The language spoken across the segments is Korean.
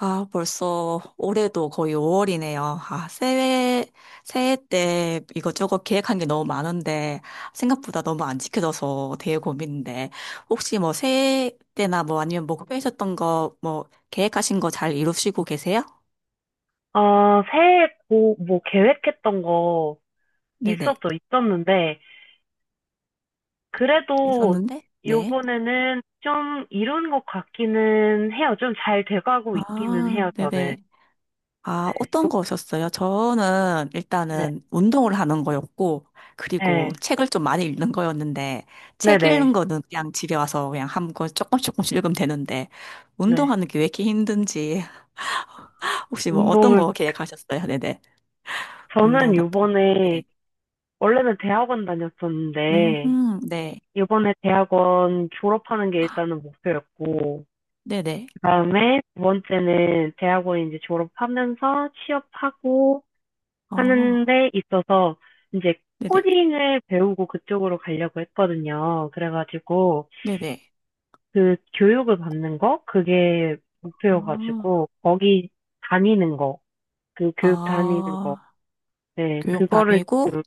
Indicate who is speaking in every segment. Speaker 1: 아, 벌써 올해도 거의 5월이네요. 아, 새해, 새해 때 이것저것 계획한 게 너무 많은데, 생각보다 너무 안 지켜져서 되게 고민인데, 혹시 뭐 새해 때나 뭐 아니면 목표하셨던 거, 뭐 계획하신 거 잘 이루시고 계세요?
Speaker 2: 아, 새해 뭐 계획했던 거
Speaker 1: 네네.
Speaker 2: 있었죠, 있었는데, 그래도
Speaker 1: 있었는데? 네.
Speaker 2: 요번에는 좀 이룬 것 같기는 해요. 좀 잘 돼가고 있기는
Speaker 1: 아,
Speaker 2: 해요, 저는.
Speaker 1: 네네. 아,
Speaker 2: 네,
Speaker 1: 어떤
Speaker 2: 요-
Speaker 1: 거셨어요? 저는
Speaker 2: 네,
Speaker 1: 일단은 운동을 하는 거였고, 그리고
Speaker 2: 네,
Speaker 1: 책을 좀 많이 읽는 거였는데,
Speaker 2: 네, 네,
Speaker 1: 책 읽는
Speaker 2: 네.
Speaker 1: 거는 그냥 집에 와서 그냥 한권 조금씩 읽으면 되는데,
Speaker 2: 네.
Speaker 1: 운동하는 게 왜 이렇게 힘든지. 혹시 뭐 어떤
Speaker 2: 운동은,
Speaker 1: 거 계획하셨어요? 네네.
Speaker 2: 저는
Speaker 1: 운동 같은 거.
Speaker 2: 요번에,
Speaker 1: 네네.
Speaker 2: 원래는 대학원 다녔었는데,
Speaker 1: 네.
Speaker 2: 요번에 대학원 졸업하는 게 일단은 목표였고,
Speaker 1: 네네.
Speaker 2: 그다음에 두 번째는 대학원 이제 졸업하면서 취업하고,
Speaker 1: 어,
Speaker 2: 하는 데 있어서 이제
Speaker 1: 네네.
Speaker 2: 코딩을 배우고 그쪽으로 가려고 했거든요. 그래가지고
Speaker 1: 네네.
Speaker 2: 그 교육을 받는 거, 그게
Speaker 1: 어,
Speaker 2: 목표여가지고 거기 다니는 거, 그 교육 다니는 거.
Speaker 1: 아,
Speaker 2: 네,
Speaker 1: 교육
Speaker 2: 그거를
Speaker 1: 다니고,
Speaker 2: 지금.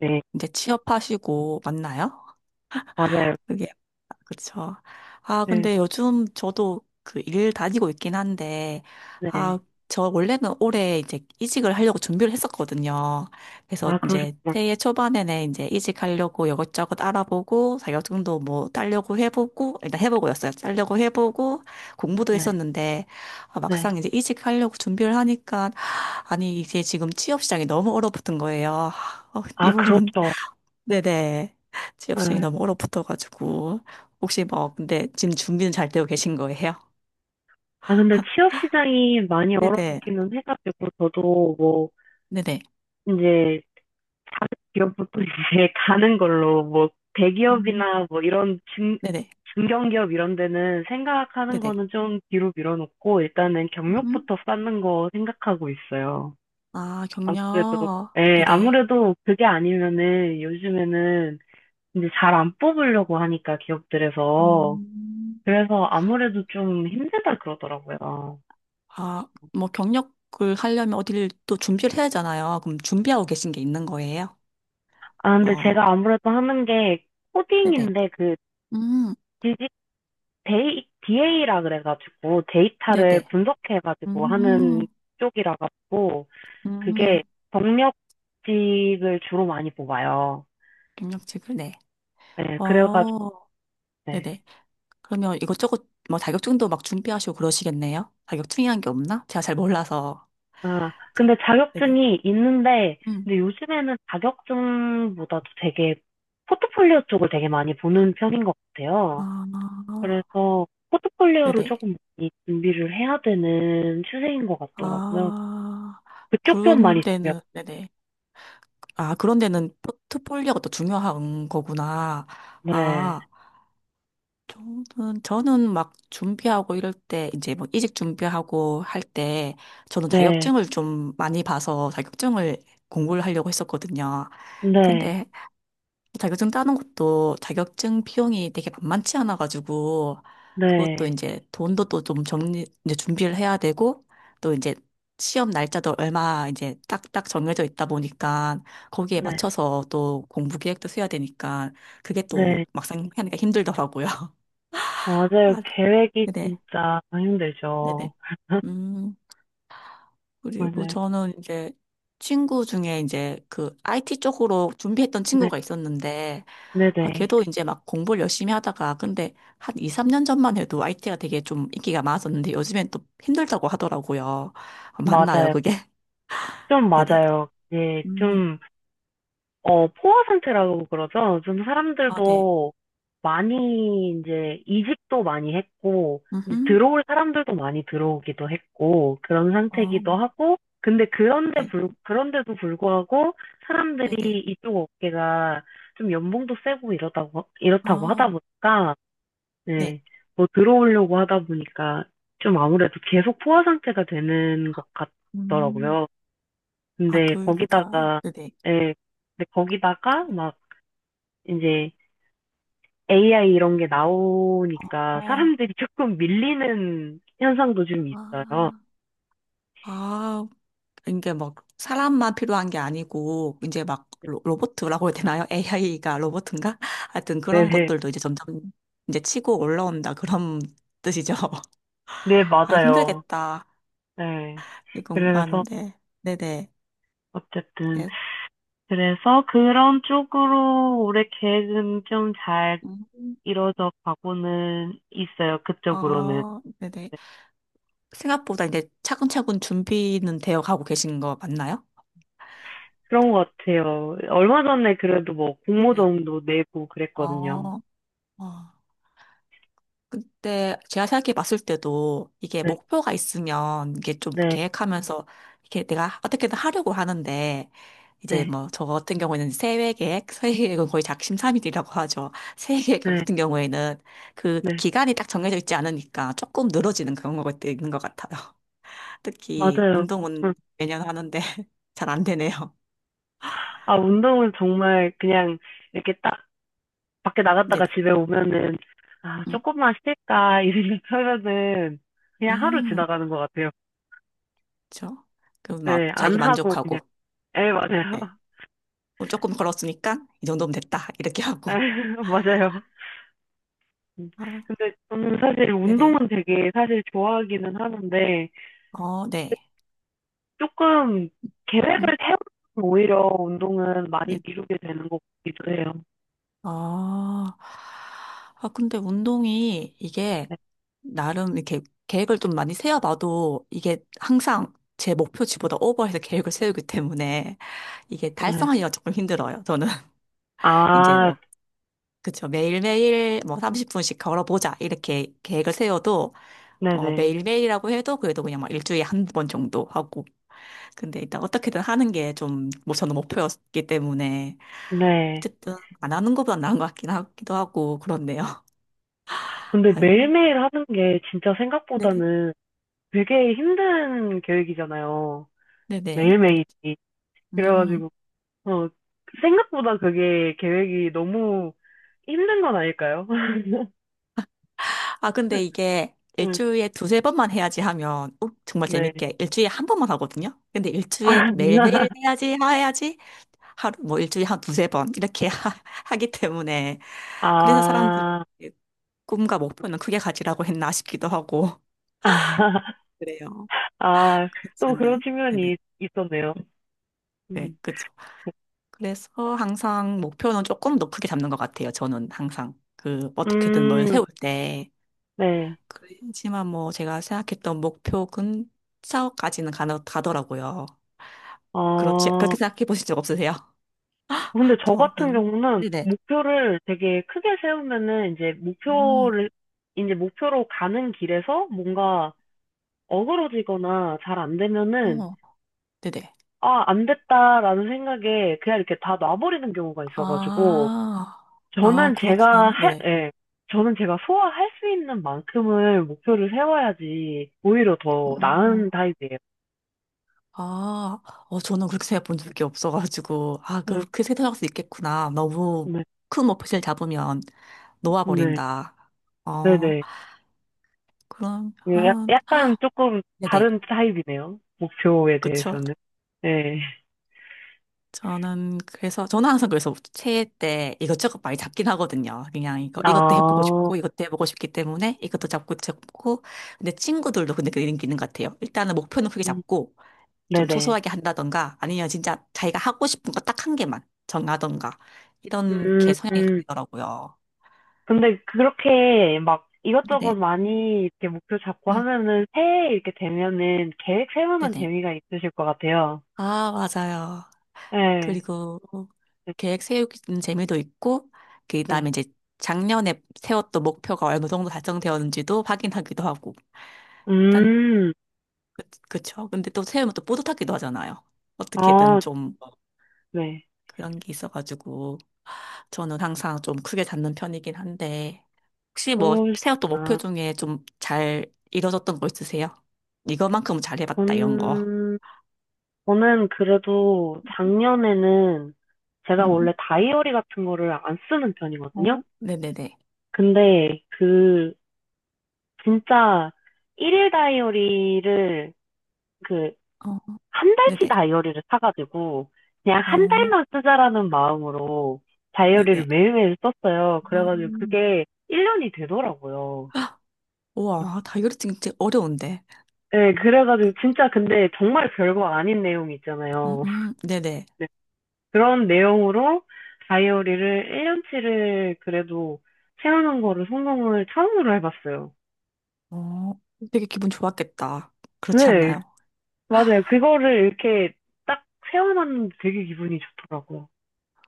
Speaker 2: 네,
Speaker 1: 이제 취업하시고, 맞나요?
Speaker 2: 맞아요.
Speaker 1: 그게, 그쵸. 아,
Speaker 2: 네,
Speaker 1: 근데 요즘 저도 그 일 다니고 있긴 한데,
Speaker 2: 네.
Speaker 1: 아, 저 원래는 올해 이제 이직을 하려고 준비를 했었거든요. 그래서
Speaker 2: 아,
Speaker 1: 이제
Speaker 2: 그러셨구나.
Speaker 1: 새해 초반에는 이제 이직하려고 이것저것 알아보고, 자격증도 뭐 따려고 해보고, 일단 해보고였어요. 따려고 해보고, 공부도
Speaker 2: 네,
Speaker 1: 했었는데, 아, 막상
Speaker 2: 네.
Speaker 1: 이제 이직하려고 준비를 하니까, 아니, 이게 지금 취업 시장이 너무 얼어붙은 거예요. 아, 어, 이
Speaker 2: 아,
Speaker 1: 부분
Speaker 2: 그렇죠.
Speaker 1: 네네. 취업 시장이
Speaker 2: 네.
Speaker 1: 너무 얼어붙어가지고. 혹시 뭐, 근데 지금 준비는 잘 되고 계신 거예요?
Speaker 2: 아, 근데 취업 시장이 많이
Speaker 1: 네네.
Speaker 2: 얼어붙기는 해가지고, 저도 뭐
Speaker 1: 네네.
Speaker 2: 이제 다른 기업부터 이제 가는 걸로, 뭐
Speaker 1: 음,
Speaker 2: 대기업이나 뭐 이런
Speaker 1: 네네.
Speaker 2: 중견기업 이런 데는 생각하는
Speaker 1: 네네.
Speaker 2: 거는 좀 뒤로 밀어놓고 일단은
Speaker 1: 음?
Speaker 2: 경력부터 쌓는 거 생각하고 있어요.
Speaker 1: 아,
Speaker 2: 아무래도,
Speaker 1: 경력.
Speaker 2: 예,
Speaker 1: 네네.
Speaker 2: 아무래도 그게 아니면은 요즘에는 이제 잘 안 뽑으려고 하니까, 기업들에서.
Speaker 1: 음,
Speaker 2: 그래서 아무래도 좀 힘들다 그러더라고요.
Speaker 1: 아, 뭐, 경력을 하려면 어디를 또 준비를 해야 하잖아요. 그럼 준비하고 계신 게 있는 거예요?
Speaker 2: 아, 근데 제가
Speaker 1: 뭐,
Speaker 2: 아무래도 하는 게
Speaker 1: 네네.
Speaker 2: 코딩인데, 그
Speaker 1: 음,
Speaker 2: 디지 DA라 그래가지고 데이터를
Speaker 1: 네네.
Speaker 2: 분석해가지고 하는
Speaker 1: 음,
Speaker 2: 쪽이라 가지고, 그게
Speaker 1: 음,
Speaker 2: 경력직을 주로 많이 뽑아요.
Speaker 1: 경력직을, 네.
Speaker 2: 네, 그래가지고.
Speaker 1: 어,
Speaker 2: 네.
Speaker 1: 네네. 그러면 이것저것 뭐 자격증도 막 준비하시고 그러시겠네요? 자격증이란 게 없나? 제가 잘 몰라서.
Speaker 2: 아,
Speaker 1: 저-
Speaker 2: 근데
Speaker 1: 네네.
Speaker 2: 자격증이 있는데,
Speaker 1: 음.
Speaker 2: 근데 요즘에는 자격증보다도 되게 포트폴리오 쪽을 되게 많이 보는 편인 것 같아요.
Speaker 1: 아,
Speaker 2: 그래서 포트폴리오를
Speaker 1: 네네.
Speaker 2: 조금 많이 준비를 해야 되는 추세인 것 같더라고요.
Speaker 1: 아,
Speaker 2: 그쪽 편
Speaker 1: 그런
Speaker 2: 많이 준비하고.
Speaker 1: 데는, 네네. 아, 그런 데는 포트폴리오가 또 중요한 거구나.
Speaker 2: 네,
Speaker 1: 아, 저는 막 준비하고 이럴 때, 이제 뭐 이직 준비하고 할 때, 저는
Speaker 2: 네,
Speaker 1: 자격증을 좀 많이 봐서 자격증을 공부를 하려고 했었거든요.
Speaker 2: 네.
Speaker 1: 근데 자격증 따는 것도 자격증 비용이 되게 만만치 않아가지고 그것도
Speaker 2: 네,
Speaker 1: 이제 돈도 또 좀 정리 이제 준비를 해야 되고 또 이제 시험 날짜도 얼마 이제 딱딱 정해져 있다 보니까 거기에
Speaker 2: 네,
Speaker 1: 맞춰서 또 공부 계획도 세워야 되니까 그게 또
Speaker 2: 네.
Speaker 1: 막상 하니까 힘들더라고요.
Speaker 2: 아, 맞아요.
Speaker 1: 아,
Speaker 2: 계획이
Speaker 1: 네네.
Speaker 2: 진짜
Speaker 1: 네네.
Speaker 2: 힘들죠.
Speaker 1: 음. 그리고
Speaker 2: 맞아요.
Speaker 1: 저는 이제 친구 중에 이제 그 IT 쪽으로 준비했던
Speaker 2: 네,
Speaker 1: 친구가 있었는데, 아,
Speaker 2: 네네.
Speaker 1: 걔도 이제 막 공부를 열심히 하다가, 근데 한 2, 3년 전만 해도 IT가 되게 좀 인기가 많았었는데, 요즘엔 또 힘들다고 하더라고요. 아, 맞나요,
Speaker 2: 맞아요.
Speaker 1: 그게?
Speaker 2: 좀
Speaker 1: 네네.
Speaker 2: 맞아요. 네,
Speaker 1: 음,
Speaker 2: 좀. 어, 포화 상태라고 그러죠. 요즘
Speaker 1: 아, 네.
Speaker 2: 사람들도 많이 이제 이직도 많이 했고, 이제
Speaker 1: 음,
Speaker 2: 들어올 사람들도 많이 들어오기도 했고, 그런
Speaker 1: 어,
Speaker 2: 상태이기도 하고. 근데
Speaker 1: 네.
Speaker 2: 그런데도 불구하고 사람들이
Speaker 1: 네네.
Speaker 2: 이쪽 업계가 좀 연봉도 세고 이렇다고
Speaker 1: 아,
Speaker 2: 하다 보니까,
Speaker 1: 네.
Speaker 2: 네, 뭐 들어오려고 하다 보니까 좀 아무래도 계속 포화 상태가 되는 것
Speaker 1: 음,
Speaker 2: 같더라고요.
Speaker 1: 아,
Speaker 2: 근데
Speaker 1: 그, 그니까,
Speaker 2: 거기다가,
Speaker 1: 네네.
Speaker 2: 예, 근데 거기다가 막 이제 AI 이런 게 나오니까
Speaker 1: 어,
Speaker 2: 사람들이 조금 밀리는 현상도 좀 있어요.
Speaker 1: 아, 아, 이게 막 사람만 필요한 게 아니고 이제 막 로봇이라고 해야 되나요? AI가 로봇인가? 하여튼 그런
Speaker 2: 네네. 네,
Speaker 1: 것들도 이제 점점 이제 치고 올라온다 그런 뜻이죠.
Speaker 2: 네,
Speaker 1: 아
Speaker 2: 맞아요.
Speaker 1: 힘들겠다.
Speaker 2: 네.
Speaker 1: 이
Speaker 2: 그래서,
Speaker 1: 공부하는데. 네네.
Speaker 2: 어쨌든.
Speaker 1: 그래-
Speaker 2: 그래서 그런 쪽으로 올해 계획은 좀 잘
Speaker 1: 음,
Speaker 2: 이루어져 가고는 있어요. 그쪽으로는.
Speaker 1: 어, 네네. 생각보다 이제 차근차근 준비는 되어 가고 계신 거 맞나요?
Speaker 2: 그런 것 같아요. 얼마 전에 그래도 뭐
Speaker 1: 네.
Speaker 2: 공모전도 내고 그랬거든요.
Speaker 1: 어, 어. 근데 제가 생각해 봤을 때도 이게
Speaker 2: 네,
Speaker 1: 목표가 있으면 이게 좀
Speaker 2: 네,
Speaker 1: 계획하면서 이렇게 내가 어떻게든 하려고 하는데 이제
Speaker 2: 네,
Speaker 1: 뭐 저 같은 경우에는 세외 계획, 세외 계획은 거의 작심삼일이라고 하죠. 세외 계획
Speaker 2: 네,
Speaker 1: 같은 경우에는 그
Speaker 2: 네.
Speaker 1: 기간이 딱 정해져 있지 않으니까 조금 늘어지는 그런 것도 있는 것 같아요. 특히
Speaker 2: 맞아요.
Speaker 1: 운동은
Speaker 2: 응.
Speaker 1: 매년 하는데 잘 안 되네요.
Speaker 2: 아, 운동은 정말 그냥 이렇게 딱 밖에 나갔다가
Speaker 1: 네네.
Speaker 2: 집에 오면은, 아,
Speaker 1: 음,
Speaker 2: 조금만 쉴까, 이 생각하면은 그냥 하루
Speaker 1: 음,
Speaker 2: 지나가는 것 같아요.
Speaker 1: 그렇죠.
Speaker 2: 네,
Speaker 1: 그막
Speaker 2: 안
Speaker 1: 자기
Speaker 2: 하고 그냥.
Speaker 1: 만족하고.
Speaker 2: 에, 맞아요.
Speaker 1: 네. 어, 조금 걸었으니까 이 정도면 됐다. 이렇게 하고.
Speaker 2: 에, 맞아요. 음,
Speaker 1: 아,
Speaker 2: 근데 저는 사실
Speaker 1: 네네.
Speaker 2: 운동은 되게 사실 좋아하기는 하는데,
Speaker 1: 어, 네.
Speaker 2: 조금
Speaker 1: 음,
Speaker 2: 계획을 세우면 오히려 운동은 많이
Speaker 1: 네.
Speaker 2: 미루게 되는 것 같기도 해요.
Speaker 1: 아, 아, 근데 운동이 이게
Speaker 2: 네.
Speaker 1: 나름 이렇게 계획을 좀 많이 세워봐도 이게 항상 제 목표치보다 오버해서 계획을 세우기 때문에 이게
Speaker 2: 네.
Speaker 1: 달성하기가 조금 힘들어요. 저는. 이제
Speaker 2: 아,
Speaker 1: 뭐, 그쵸. 매일매일 뭐 30분씩 걸어보자. 이렇게 계획을 세워도 어,
Speaker 2: 네네.
Speaker 1: 매일매일이라고 해도 그래도 그냥 막 일주일에 한 번 정도 하고. 근데 일단 어떻게든 하는 게 좀, 뭐 저는 목표였기 때문에
Speaker 2: 네.
Speaker 1: 어쨌든 안 하는 것보다 나은 것 같긴 하기도 하고 그렇네요.
Speaker 2: 근데
Speaker 1: 아이고,
Speaker 2: 매일매일 하는 게 진짜
Speaker 1: 네네,
Speaker 2: 생각보다는 되게 힘든 계획이잖아요.
Speaker 1: 네네.
Speaker 2: 매일매일이.
Speaker 1: 음,
Speaker 2: 그래가지고, 어, 생각보다 그게 계획이 너무 힘든 건 아닐까요?
Speaker 1: 아 근데 이게
Speaker 2: 음,
Speaker 1: 일주일에 두세 번만 해야지 하면 어, 정말
Speaker 2: 네.
Speaker 1: 재밌게 일주일에 한 번만 하거든요. 근데 일주일에
Speaker 2: 아,
Speaker 1: 매일매일 해야지 하루 뭐 일주일에 한 두세 번 이렇게 하기 때문에 그래서 사람들이
Speaker 2: 아,
Speaker 1: 꿈과 목표는 크게 가지라고 했나 싶기도 하고 그래요.
Speaker 2: 아,
Speaker 1: 그렇지
Speaker 2: 또 그런
Speaker 1: 않나요? 네네,
Speaker 2: 측면이 있었네요.
Speaker 1: 네,
Speaker 2: 음,
Speaker 1: 그렇죠.
Speaker 2: 네.
Speaker 1: 그래서 항상 목표는 조금 더 크게 잡는 것 같아요. 저는 항상 그 어떻게든 뭘
Speaker 2: 음,
Speaker 1: 세울 때.
Speaker 2: 네.
Speaker 1: 그렇지만 뭐 제가 생각했던 목표 근처까지는 가나, 가더라고요. 그렇지
Speaker 2: 어,
Speaker 1: 그렇게 생각해 보신 적 없으세요?
Speaker 2: 근데 저 같은
Speaker 1: 저는
Speaker 2: 경우는
Speaker 1: 네네.
Speaker 2: 목표를 되게 크게 세우면은 이제
Speaker 1: 음,
Speaker 2: 이제 목표로 가는 길에서 뭔가 어그러지거나 잘 안 되면은,
Speaker 1: 어, 네네.
Speaker 2: 아, 안 됐다라는 생각에 그냥 이렇게 다 놔버리는 경우가 있어가지고,
Speaker 1: 아, 아, 그렇구나. 네네.
Speaker 2: 예, 저는 제가 소화할 수 있는 만큼을 목표를 세워야지 오히려
Speaker 1: 어,
Speaker 2: 더
Speaker 1: 어,
Speaker 2: 나은
Speaker 1: 어.
Speaker 2: 타입이에요.
Speaker 1: 아, 어, 저는 그렇게 생각해 본 적이 없어가지고, 아,
Speaker 2: 네,
Speaker 1: 그렇게 생각할 수 있겠구나. 너무
Speaker 2: 네,
Speaker 1: 큰 목표를 잡으면.
Speaker 2: 네,
Speaker 1: 놓아버린다. 어,
Speaker 2: 네네.
Speaker 1: 그러
Speaker 2: 예,
Speaker 1: 한
Speaker 2: 약간 조금
Speaker 1: 네네.
Speaker 2: 다른 타입이네요. 목표에
Speaker 1: 그쵸.
Speaker 2: 대해서는. 네.
Speaker 1: 저는, 그래서, 저는 항상 그래서 새해 때 이것저것 많이 잡긴 하거든요. 그냥 이것도 해보고
Speaker 2: 아,
Speaker 1: 싶고, 이것도 해보고 싶기 때문에 이것도 잡고. 근데 친구들도 근데 그런 게 있는 것 같아요. 일단은 목표는 크게
Speaker 2: 음,
Speaker 1: 잡고, 좀
Speaker 2: 네네.
Speaker 1: 소소하게 한다던가, 아니면 진짜 자기가 하고 싶은 거 딱 한 개만 정하던가, 이런 게
Speaker 2: 음,
Speaker 1: 성향이
Speaker 2: 음.
Speaker 1: 갈리더라고요.
Speaker 2: 근데 그렇게 막 이것저것
Speaker 1: 네네.
Speaker 2: 많이 이렇게 목표 잡고
Speaker 1: 음,
Speaker 2: 하면은, 새해 이렇게 되면은 계획 세우는
Speaker 1: 네네.
Speaker 2: 재미가 있으실 것 같아요.
Speaker 1: 아, 맞아요.
Speaker 2: 네.
Speaker 1: 그리고
Speaker 2: 네.
Speaker 1: 계획 세우는 재미도 있고,
Speaker 2: 네.
Speaker 1: 그다음에 이제 작년에 세웠던 목표가 어느 정도 달성되었는지도 확인하기도 하고. 일단
Speaker 2: 음,
Speaker 1: 그, 그쵸. 근데 또 세우면 또 뿌듯하기도 하잖아요. 어떻게든
Speaker 2: 아,
Speaker 1: 좀
Speaker 2: 네.
Speaker 1: 그런 게 있어가지고 저는 항상 좀 크게 잡는 편이긴 한데 혹시 뭐 세웠던 목표
Speaker 2: 그러시구나.
Speaker 1: 중에 좀 잘 이뤄졌던 거 있으세요? 이거만큼은 잘해봤다 이런 거.
Speaker 2: 저는, 저는 그래도 작년에는 제가 원래
Speaker 1: 음.
Speaker 2: 다이어리 같은 거를 안 쓰는 편이거든요.
Speaker 1: 어? 네네네.
Speaker 2: 근데 그 진짜 일일 다이어리를, 그
Speaker 1: 어,
Speaker 2: 한 달치
Speaker 1: 네네.
Speaker 2: 다이어리를 사가지고 그냥 한
Speaker 1: 어,
Speaker 2: 달만 쓰자라는 마음으로 다이어리를
Speaker 1: 네네.
Speaker 2: 매일매일 썼어요.
Speaker 1: 어.
Speaker 2: 그래가지고 그게 1년이 되더라고요.
Speaker 1: 우와, 다이어리증 진짜 어려운데.
Speaker 2: 네, 그래가지고 진짜, 근데 정말 별거 아닌 내용이 있잖아요.
Speaker 1: 네네.
Speaker 2: 그런 내용으로 다이어리를 1년치를 그래도 채우는 거를 성공을 처음으로 해봤어요.
Speaker 1: 어, 되게 기분 좋았겠다. 그렇지
Speaker 2: 네,
Speaker 1: 않나요?
Speaker 2: 맞아요. 그거를 이렇게 딱 세워놨는데 되게 기분이 좋더라고요.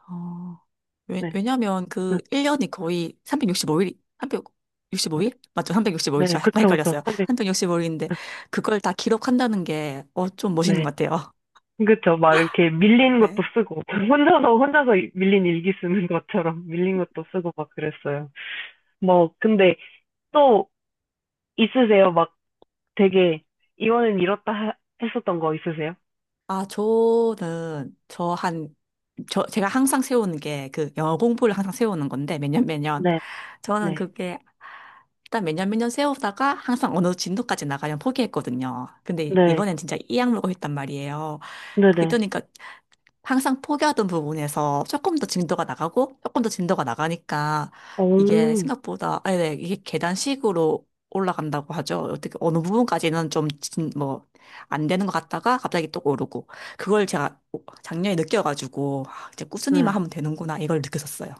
Speaker 1: 어,
Speaker 2: 네,
Speaker 1: 왜냐면 그
Speaker 2: 응,
Speaker 1: 1년이 거의 365일, 365일? 맞죠?
Speaker 2: 네,
Speaker 1: 365일이죠. 약간
Speaker 2: 그쵸, 그쵸.
Speaker 1: 헷갈렸어요.
Speaker 2: 근데,
Speaker 1: 365일인데, 그걸 다 기록한다는 게, 어, 좀 멋있는
Speaker 2: 네,
Speaker 1: 것 같아요.
Speaker 2: 그쵸. 막 이렇게 밀린 것도
Speaker 1: 네.
Speaker 2: 쓰고, 혼자서 밀린 일기 쓰는 것처럼 밀린 것도 쓰고 막 그랬어요. 뭐, 근데 또 있으세요? 막 되게, 이거는 이렇다 했었던 거 있으세요?
Speaker 1: 아, 저는, 저 한, 저, 제가 항상 세우는 게, 그, 영어 공부를 항상 세우는 건데, 매년 매년.
Speaker 2: 네,
Speaker 1: 저는
Speaker 2: 네,
Speaker 1: 그게 일단 몇 년 세우다가 항상 어느 진도까지 나가면 포기했거든요. 근데
Speaker 2: 네.
Speaker 1: 이번엔 진짜 이 악물고 했단 말이에요.
Speaker 2: 네네.
Speaker 1: 그러니까 항상 포기하던 부분에서 조금 더 진도가 나가고 조금 더 진도가 나가니까 이게
Speaker 2: 오,
Speaker 1: 생각보다 아, 네, 이게 계단식으로 올라간다고 하죠. 어떻게 어느 부분까지는 좀뭐안 되는 것 같다가 갑자기 또 오르고 그걸 제가 작년에 느껴가지고 아, 이제 꾸준히만
Speaker 2: 네.
Speaker 1: 하면 되는구나 이걸 느꼈었어요.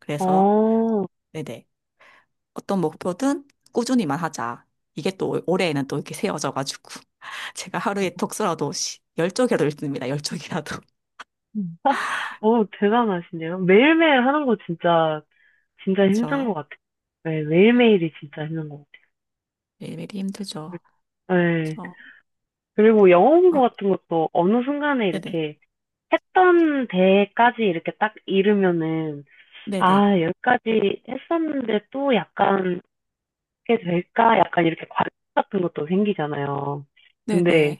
Speaker 1: 그래서
Speaker 2: 어,
Speaker 1: 네네. 어떤 목표든 꾸준히만 하자. 이게 또 올해에는 또 이렇게 세워져가지고 제가 하루에 독서라도 열 쪽이라도 읽습니다. 열 쪽이라도.
Speaker 2: 음. 어, 대단하시네요. 매일매일 하는 거 진짜, 진짜 힘든
Speaker 1: 저
Speaker 2: 것 같아요. 네, 매일매일이 진짜 힘든 것
Speaker 1: 매일매일 힘들죠.
Speaker 2: 같아요. 네.
Speaker 1: 저
Speaker 2: 그리고 영어 공부
Speaker 1: 어,
Speaker 2: 같은 것도 어느 순간에
Speaker 1: 네네
Speaker 2: 이렇게 했던 데까지 이렇게 딱 이르면은,
Speaker 1: 네네
Speaker 2: 아, 여기까지 했었는데 또 약간, 이렇게 될까? 약간 이렇게 과제 같은 것도 생기잖아요.
Speaker 1: 네네
Speaker 2: 근데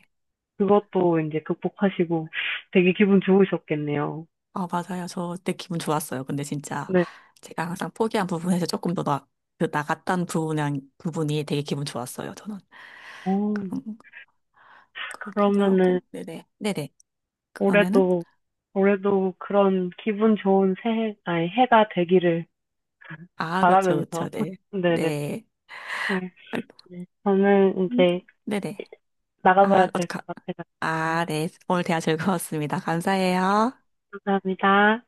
Speaker 2: 그것도 이제 극복하시고 되게 기분 좋으셨겠네요.
Speaker 1: 아 맞아요. 저 그때 기분 좋았어요. 근데 진짜
Speaker 2: 네.
Speaker 1: 제가 항상 포기한 부분에서 그 나갔던 부분이 되게 기분 좋았어요. 저는
Speaker 2: 어,
Speaker 1: 그런 그렇기도
Speaker 2: 그러면은
Speaker 1: 하고 네네 네네 그러면은
Speaker 2: 올해도 올해도 그런 기분 좋은 새해, 아니 해가 되기를
Speaker 1: 아 그쵸
Speaker 2: 바라면서
Speaker 1: 그쵸 네
Speaker 2: 네네.
Speaker 1: 네.
Speaker 2: 네.
Speaker 1: 아,
Speaker 2: 저는
Speaker 1: 음,
Speaker 2: 이제
Speaker 1: 네네
Speaker 2: 나가봐야
Speaker 1: 아,
Speaker 2: 될
Speaker 1: 어떡하,
Speaker 2: 것 같아요.
Speaker 1: 아, 네. 오늘 대화 즐거웠습니다. 감사해요.
Speaker 2: 감사합니다.